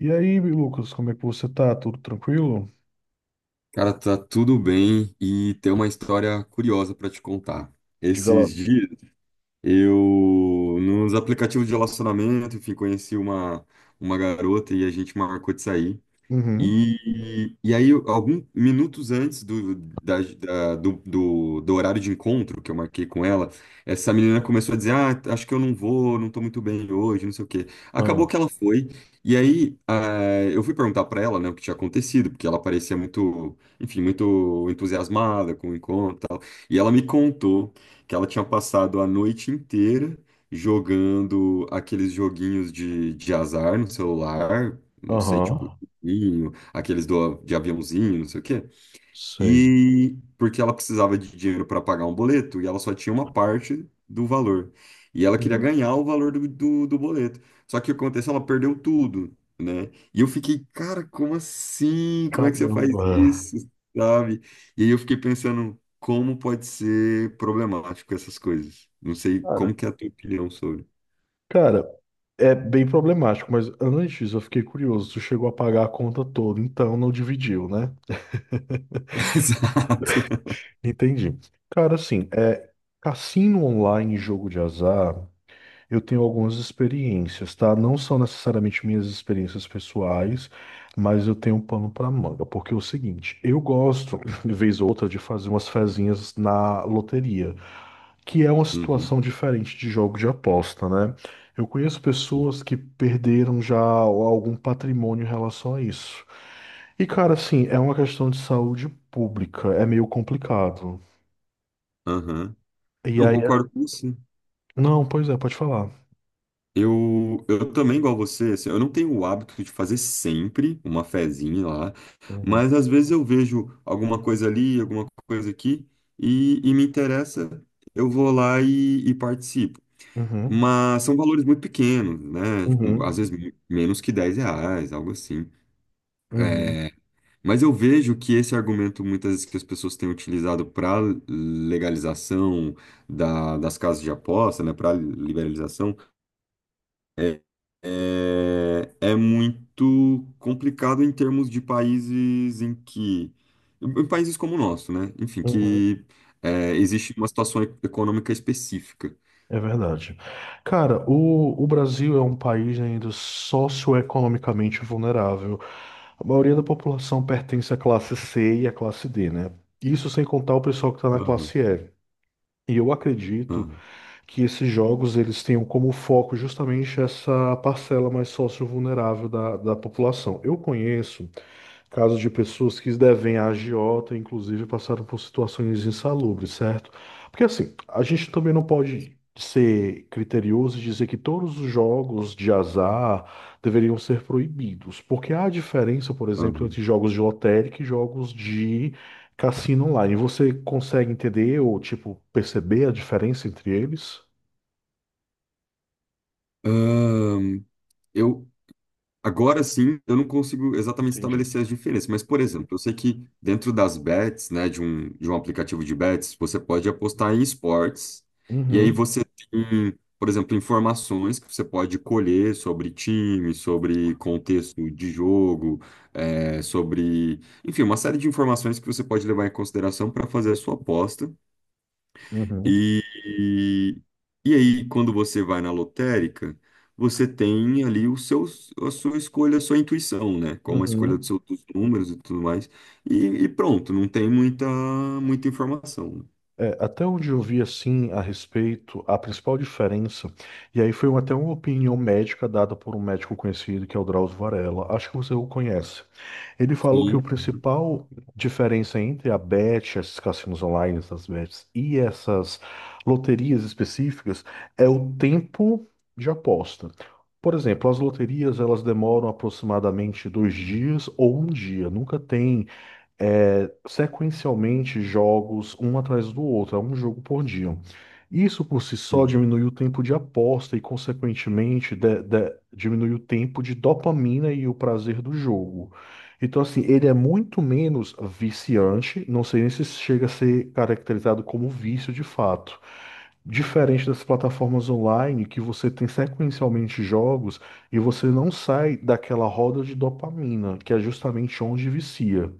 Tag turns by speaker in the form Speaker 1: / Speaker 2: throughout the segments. Speaker 1: E aí, Lucas, como é que você tá? Tudo tranquilo?
Speaker 2: Cara, tá tudo bem e tem uma história curiosa pra te contar.
Speaker 1: Diga lá.
Speaker 2: Esses dias eu nos aplicativos de relacionamento, enfim, conheci uma garota e a gente marcou de sair.
Speaker 1: Uhum.
Speaker 2: E aí, alguns minutos antes do, da- da- do, do, do horário de encontro que eu marquei com ela, essa menina começou a dizer: Ah, acho que eu não vou, não tô muito bem hoje, não sei o quê. Acabou que
Speaker 1: Ah,
Speaker 2: ela foi. E aí, eu fui perguntar pra ela, né, o que tinha acontecido, porque ela parecia muito, enfim, muito entusiasmada com o encontro e tal. E ela me contou que ela tinha passado a noite inteira jogando aqueles joguinhos de azar no celular. Não sei, tipo.
Speaker 1: aham,
Speaker 2: E aqueles de aviãozinho, não sei o quê.
Speaker 1: sei.
Speaker 2: E porque ela precisava de dinheiro para pagar um boleto e ela só tinha uma parte do valor. E ela queria
Speaker 1: Uhum.
Speaker 2: ganhar o valor do boleto. Só que o que aconteceu? Ela perdeu tudo, né? E eu fiquei, cara, como assim? Como é que você faz
Speaker 1: Caramba.
Speaker 2: isso? Sabe? E aí eu fiquei pensando, como pode ser problemático essas coisas? Não sei
Speaker 1: Cara,
Speaker 2: como que é a tua opinião sobre.
Speaker 1: Cara, é bem problemático, mas antes eu fiquei curioso. Tu chegou a pagar a conta toda, então não dividiu, né?
Speaker 2: Exato.
Speaker 1: Entendi. Cara, assim, é, cassino online e jogo de azar. Eu tenho algumas experiências, tá? Não são necessariamente minhas experiências pessoais, mas eu tenho um pano para manga, porque é o seguinte, eu gosto, de vez ou outra, de fazer umas fezinhas na loteria, que é uma
Speaker 2: Uhum,
Speaker 1: situação diferente de jogo de aposta, né? Eu conheço
Speaker 2: sim.
Speaker 1: pessoas que perderam já algum patrimônio em relação a isso. E, cara, assim, é uma questão de saúde pública, é meio complicado.
Speaker 2: Aham.
Speaker 1: E
Speaker 2: Não,
Speaker 1: aí,
Speaker 2: concordo com você.
Speaker 1: não, pois é, pode falar.
Speaker 2: Eu também, igual você, assim, eu não tenho o hábito de fazer sempre uma fezinha lá,
Speaker 1: Uhum,
Speaker 2: mas às vezes eu vejo alguma coisa ali, alguma coisa aqui, e me interessa, eu vou lá e participo.
Speaker 1: uhum,
Speaker 2: Mas são valores muito pequenos, né? Tipo,
Speaker 1: uhum,
Speaker 2: às vezes menos que 10 reais, algo assim.
Speaker 1: uhum,
Speaker 2: É, mas eu vejo que esse argumento, muitas vezes, que as pessoas têm utilizado para legalização das casas de aposta, né? Para liberalização é, é muito complicado em termos de países em que. Em países como o nosso, né? Enfim,
Speaker 1: uhum.
Speaker 2: que existe uma situação econômica específica.
Speaker 1: É verdade. Cara, o Brasil é um país ainda socioeconomicamente vulnerável. A maioria da população pertence à classe C e à classe D, né? Isso sem contar o pessoal que está na
Speaker 2: Aham,
Speaker 1: classe E. E eu acredito
Speaker 2: aham,
Speaker 1: que esses jogos eles tenham como foco justamente essa parcela mais socio-vulnerável da população. Eu conheço. Casos de pessoas que devem a agiota, inclusive, passaram por situações insalubres, certo? Porque assim, a gente também não pode ser criterioso e dizer que todos os jogos de azar deveriam ser proibidos, porque há diferença, por exemplo,
Speaker 2: aham.
Speaker 1: entre jogos de lotérica e jogos de cassino online. Você consegue entender ou, tipo, perceber a diferença entre eles?
Speaker 2: Ahn, eu, Agora sim, eu não consigo exatamente
Speaker 1: Entendi.
Speaker 2: estabelecer as diferenças, mas, por exemplo, eu sei que dentro das bets, né, de um aplicativo de bets, você pode apostar em esportes, e aí
Speaker 1: Uhum,
Speaker 2: você tem, por exemplo, informações que você pode colher sobre time, sobre contexto de jogo, sobre, enfim, uma série de informações que você pode levar em consideração para fazer a sua aposta,
Speaker 1: uhum,
Speaker 2: e, e, e aí, quando você vai na lotérica, você tem ali a sua escolha, a sua intuição, né? Como a escolha
Speaker 1: uhum.
Speaker 2: dos números e tudo mais. E, e pronto, não tem muita, muita informação, né?
Speaker 1: É, até onde eu vi assim a respeito, a principal diferença, e aí foi um, até uma opinião médica dada por um médico conhecido que é o Drauzio Varella, acho que você o conhece. Ele falou que o
Speaker 2: Sim.
Speaker 1: principal diferença entre a Bet, esses cassinos online, essas bets e essas loterias específicas é o tempo de aposta. Por exemplo, as loterias elas demoram aproximadamente 2 dias ou um dia, nunca tem é, sequencialmente jogos um atrás do outro, é um jogo por dia. Isso por si só
Speaker 2: Hum.
Speaker 1: diminui o tempo de aposta e, consequentemente, diminui o tempo de dopamina e o prazer do jogo. Então, assim, ele é muito menos viciante, não sei nem se chega a ser caracterizado como vício de fato. Diferente das plataformas online, que você tem sequencialmente jogos e você não sai daquela roda de dopamina, que é justamente onde vicia.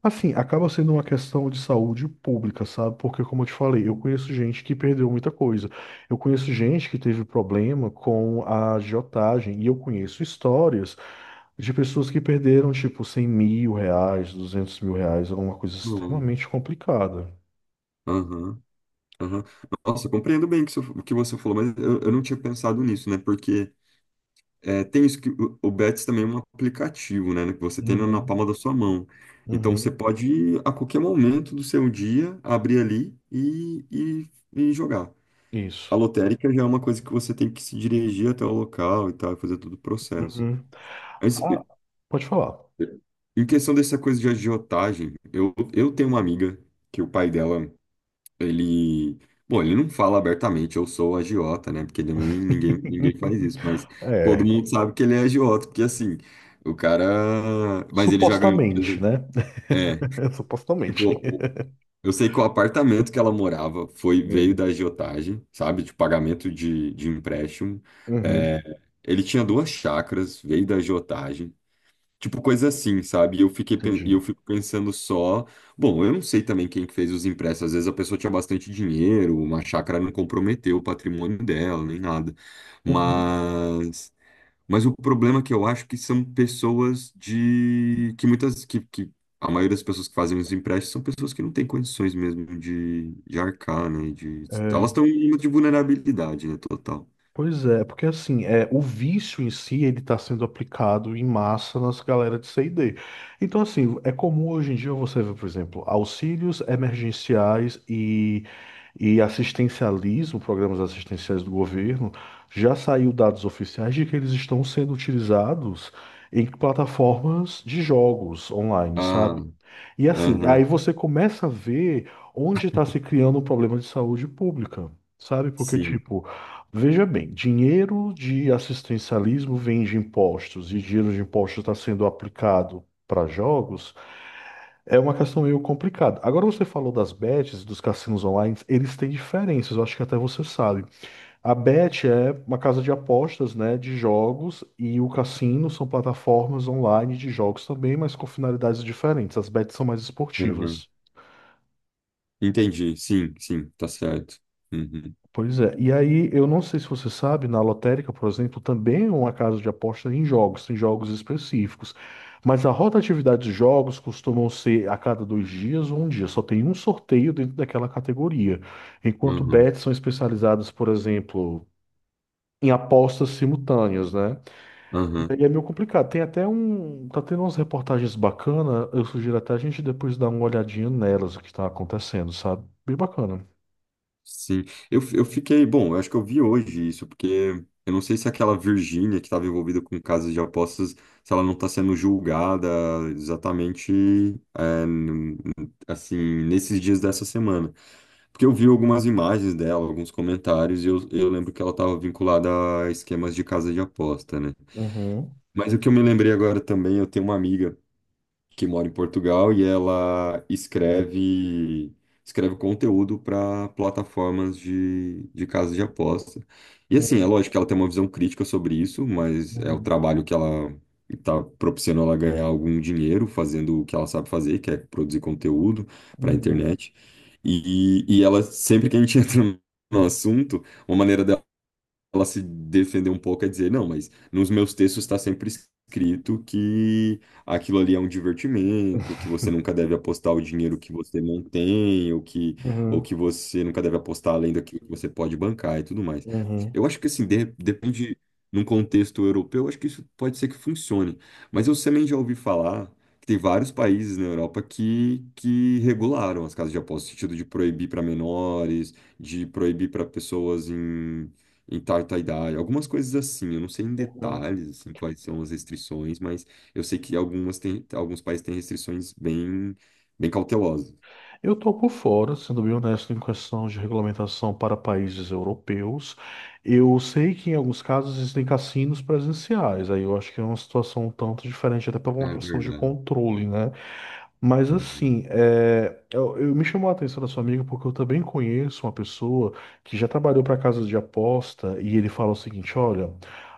Speaker 1: Assim, acaba sendo uma questão de saúde pública, sabe? Porque, como eu te falei, eu conheço gente que perdeu muita coisa. Eu conheço gente que teve problema com a agiotagem. E eu conheço histórias de pessoas que perderam, tipo, 100 mil reais, 200 mil reais, alguma coisa
Speaker 2: Hum.
Speaker 1: extremamente complicada.
Speaker 2: Aham, aham. Nossa, eu compreendo bem o que você falou, mas eu não tinha pensado nisso, né? Porque tem isso que o Betis também é um aplicativo, né, que você tem na palma
Speaker 1: Uhum,
Speaker 2: da sua mão. Então você
Speaker 1: uhum,
Speaker 2: pode a qualquer momento do seu dia abrir ali e jogar. A
Speaker 1: isso.
Speaker 2: lotérica já é uma coisa que você tem que se dirigir até o local e tal, fazer todo o processo.
Speaker 1: Uhum.
Speaker 2: Mas
Speaker 1: Ah, pode falar.
Speaker 2: em questão dessa coisa de agiotagem, eu tenho uma amiga que o pai dela ele, bom, ele não fala abertamente, eu sou agiota, né? Porque também ninguém, ninguém faz isso, mas todo
Speaker 1: É,
Speaker 2: mundo sabe que ele é agiota, porque assim, o cara, mas ele já ganhou, por
Speaker 1: supostamente,
Speaker 2: exemplo,
Speaker 1: né?
Speaker 2: é, tipo,
Speaker 1: Supostamente.
Speaker 2: o- eu sei que o apartamento que ela morava foi veio da
Speaker 1: Hum.
Speaker 2: agiotagem, sabe? De pagamento de empréstimo.
Speaker 1: Uhum,
Speaker 2: É, ele tinha duas chácaras, veio da agiotagem. Tipo, coisa assim, sabe? E eu
Speaker 1: entendi.
Speaker 2: fico pensando só. Bom, eu não sei também quem que fez os empréstimos. Às vezes a pessoa tinha bastante dinheiro, uma chácara não comprometeu o patrimônio dela, nem nada.
Speaker 1: Uhum.
Speaker 2: Mas, mas o problema é que eu acho que são pessoas de. Que muitas. Que a maioria das pessoas que fazem os empréstimos são pessoas que não têm condições mesmo de arcar, né?
Speaker 1: É,
Speaker 2: Elas estão em uma de vulnerabilidade, né? Total.
Speaker 1: pois é, porque assim, é, o vício em si, ele está sendo aplicado em massa nas galera de C&D. Então, assim, é comum hoje em dia você ver, por exemplo, auxílios emergenciais e assistencialismo, programas assistenciais do governo, já saiu dados oficiais de que eles estão sendo utilizados em plataformas de jogos online,
Speaker 2: Ah,
Speaker 1: sabe? E assim, aí
Speaker 2: aham,
Speaker 1: você começa a ver onde está se criando o problema de saúde pública, sabe? Porque,
Speaker 2: sim.
Speaker 1: tipo, veja bem, dinheiro de assistencialismo vem de impostos e dinheiro de impostos está sendo aplicado para jogos, é uma questão meio complicada. Agora você falou das bets, dos cassinos online, eles têm diferenças, eu acho que até você sabe. A bet é uma casa de apostas, né, de jogos, e o cassino são plataformas online de jogos também, mas com finalidades diferentes. As bets são mais esportivas.
Speaker 2: Entendi, sim, sim, tá certo. Uhum,
Speaker 1: Pois é. E aí, eu não sei se você sabe, na lotérica, por exemplo, também é uma casa de aposta em jogos específios. Mas a rotatividade de jogos costumam ser a cada 2 dias ou um dia. Só tem um sorteio dentro daquela categoria. Enquanto
Speaker 2: uhum,
Speaker 1: bets são especializadas, por exemplo, em apostas simultâneas, né? E
Speaker 2: uhum,
Speaker 1: aí é meio complicado. Tem até um. Tá tendo umas reportagens bacanas. Eu sugiro até a gente depois dar uma olhadinha nelas, o que tá acontecendo, sabe? Bem bacana.
Speaker 2: sim. Eu fiquei, bom, eu acho que eu vi hoje isso, porque eu não sei se aquela Virgínia que estava envolvida com casas de apostas, se ela não está sendo julgada exatamente, é, n- assim, nesses dias dessa semana. Porque eu vi algumas imagens dela, alguns comentários, e eu lembro que ela estava vinculada a esquemas de casa de aposta, né?
Speaker 1: Uhum,
Speaker 2: Mas o que eu me lembrei agora também, eu tenho uma amiga que mora em Portugal e ela escreve conteúdo para plataformas de casas de aposta. E assim, é
Speaker 1: uhum,
Speaker 2: lógico que ela tem uma visão crítica sobre isso, mas é o
Speaker 1: uhum,
Speaker 2: trabalho que ela está propiciando ela ganhar algum dinheiro fazendo o que ela sabe fazer, que é produzir conteúdo para a
Speaker 1: uhum.
Speaker 2: internet. E ela, sempre que a gente entra no assunto, uma maneira dela ela se defender um pouco é dizer, não, mas nos meus textos está sempre escrito que aquilo ali é um divertimento, que você nunca deve apostar o dinheiro que você não tem, ou que, ou
Speaker 1: Uhum,
Speaker 2: que você nunca deve apostar além daquilo que você pode bancar e tudo mais.
Speaker 1: uhum,
Speaker 2: Eu acho que assim, depende, num contexto europeu, eu acho que isso pode ser que funcione. Mas eu também já ouvi falar que tem vários países na Europa que regularam as casas de aposta, no sentido de proibir para menores, de proibir para pessoas em tal idade, algumas coisas assim, eu não sei em
Speaker 1: uhum.
Speaker 2: detalhes assim quais são as restrições, mas eu sei que alguns países têm restrições bem, bem cautelosas.
Speaker 1: Eu tô por fora, sendo bem honesto, em questão de regulamentação para países europeus. Eu sei que em alguns casos existem cassinos presenciais, aí eu acho que é uma situação um tanto diferente, até por uma
Speaker 2: É
Speaker 1: questão de
Speaker 2: verdade.
Speaker 1: controle, né? Mas
Speaker 2: Uhum.
Speaker 1: assim, é, me chamou a atenção da sua amiga porque eu também conheço uma pessoa que já trabalhou para casas de aposta e ele fala o seguinte: olha,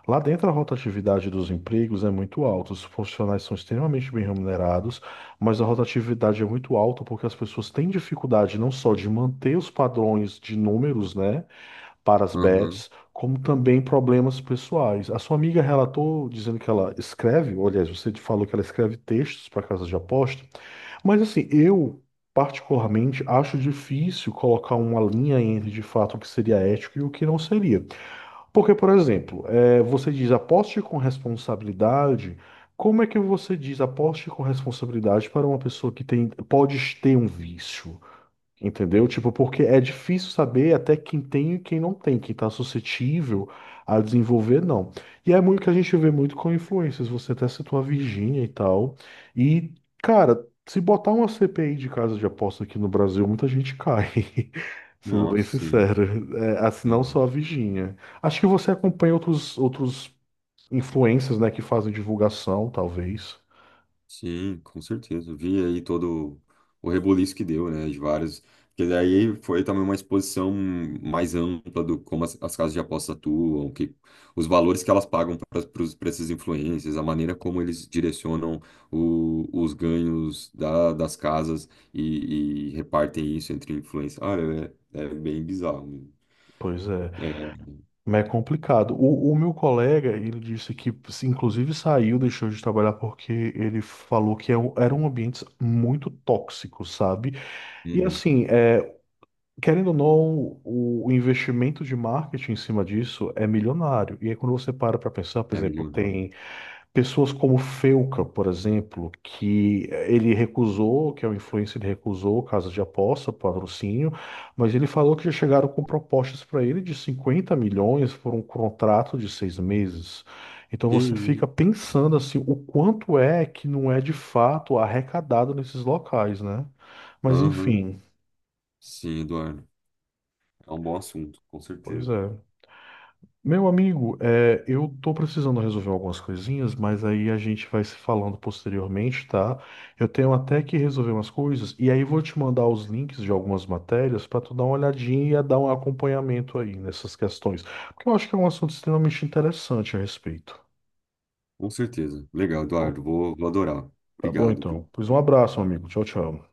Speaker 1: lá dentro a rotatividade dos empregos é muito alta, os profissionais são extremamente bem remunerados, mas a rotatividade é muito alta porque as pessoas têm dificuldade não só de manter os padrões de números, né, para as
Speaker 2: Aham.
Speaker 1: bets, como também problemas pessoais. A sua amiga relatou dizendo que ela escreve, ou, aliás, você falou que ela escreve textos para casas de aposta. Mas assim, eu particularmente acho difícil colocar uma linha entre de fato o que seria ético e o que não seria. Porque, por exemplo, você diz aposte com responsabilidade. Como é que você diz aposte com responsabilidade para uma pessoa que tem, pode ter um vício? Entendeu? Tipo, porque é difícil saber até quem tem e quem não tem, quem está suscetível a desenvolver, não. E é muito que a gente vê muito com influências. Você até citou a Virgínia e tal. E, cara, se botar uma CPI de casa de aposta aqui no Brasil, muita gente cai. Sendo bem
Speaker 2: Nossa, sim.
Speaker 1: sincero. É, assim, não
Speaker 2: Uhum.
Speaker 1: só a Virgínia. Acho que você acompanha outros influencers, né, que fazem divulgação, talvez.
Speaker 2: Sim, com certeza. Eu vi aí todo o rebuliço que deu, né? De vários. Porque daí foi também uma exposição mais ampla do como as casas de aposta atuam, que, os valores que elas pagam para esses influências, a maneira como eles direcionam os ganhos das casas e repartem isso entre influências. Ah, é bem bizarro.
Speaker 1: Pois é.
Speaker 2: É,
Speaker 1: Mas é complicado. O meu colega, ele disse que, inclusive, saiu, deixou de trabalhar porque ele falou que é eram ambientes muito tóxico sabe? E
Speaker 2: uhum,
Speaker 1: assim, é, querendo ou não, o investimento de marketing em cima disso é milionário. E aí, quando você para para pensar, por
Speaker 2: é
Speaker 1: exemplo,
Speaker 2: milionário.
Speaker 1: tem. Pessoas como Felca, por exemplo, que ele recusou, que é o influencer, ele recusou casa de aposta, patrocínio, mas ele falou que já chegaram com propostas para ele de 50 milhões por um contrato de 6 meses. Então
Speaker 2: E
Speaker 1: você
Speaker 2: aí?
Speaker 1: fica pensando assim, o quanto é que não é de fato arrecadado nesses locais, né? Mas
Speaker 2: Aham,
Speaker 1: enfim,
Speaker 2: sim, Eduardo. É um bom assunto, com
Speaker 1: pois
Speaker 2: certeza.
Speaker 1: é. Meu amigo, é, eu tô precisando resolver algumas coisinhas, mas aí a gente vai se falando posteriormente, tá? Eu tenho até que resolver umas coisas, e aí vou te mandar os links de algumas matérias para tu dar uma olhadinha e dar um acompanhamento aí nessas questões, porque eu acho que é um assunto extremamente interessante a respeito.
Speaker 2: Com certeza. Legal,
Speaker 1: Bom,
Speaker 2: Eduardo. Vou adorar.
Speaker 1: tá bom,
Speaker 2: Obrigado.
Speaker 1: então? Pois um abraço, meu amigo. Tchau, tchau.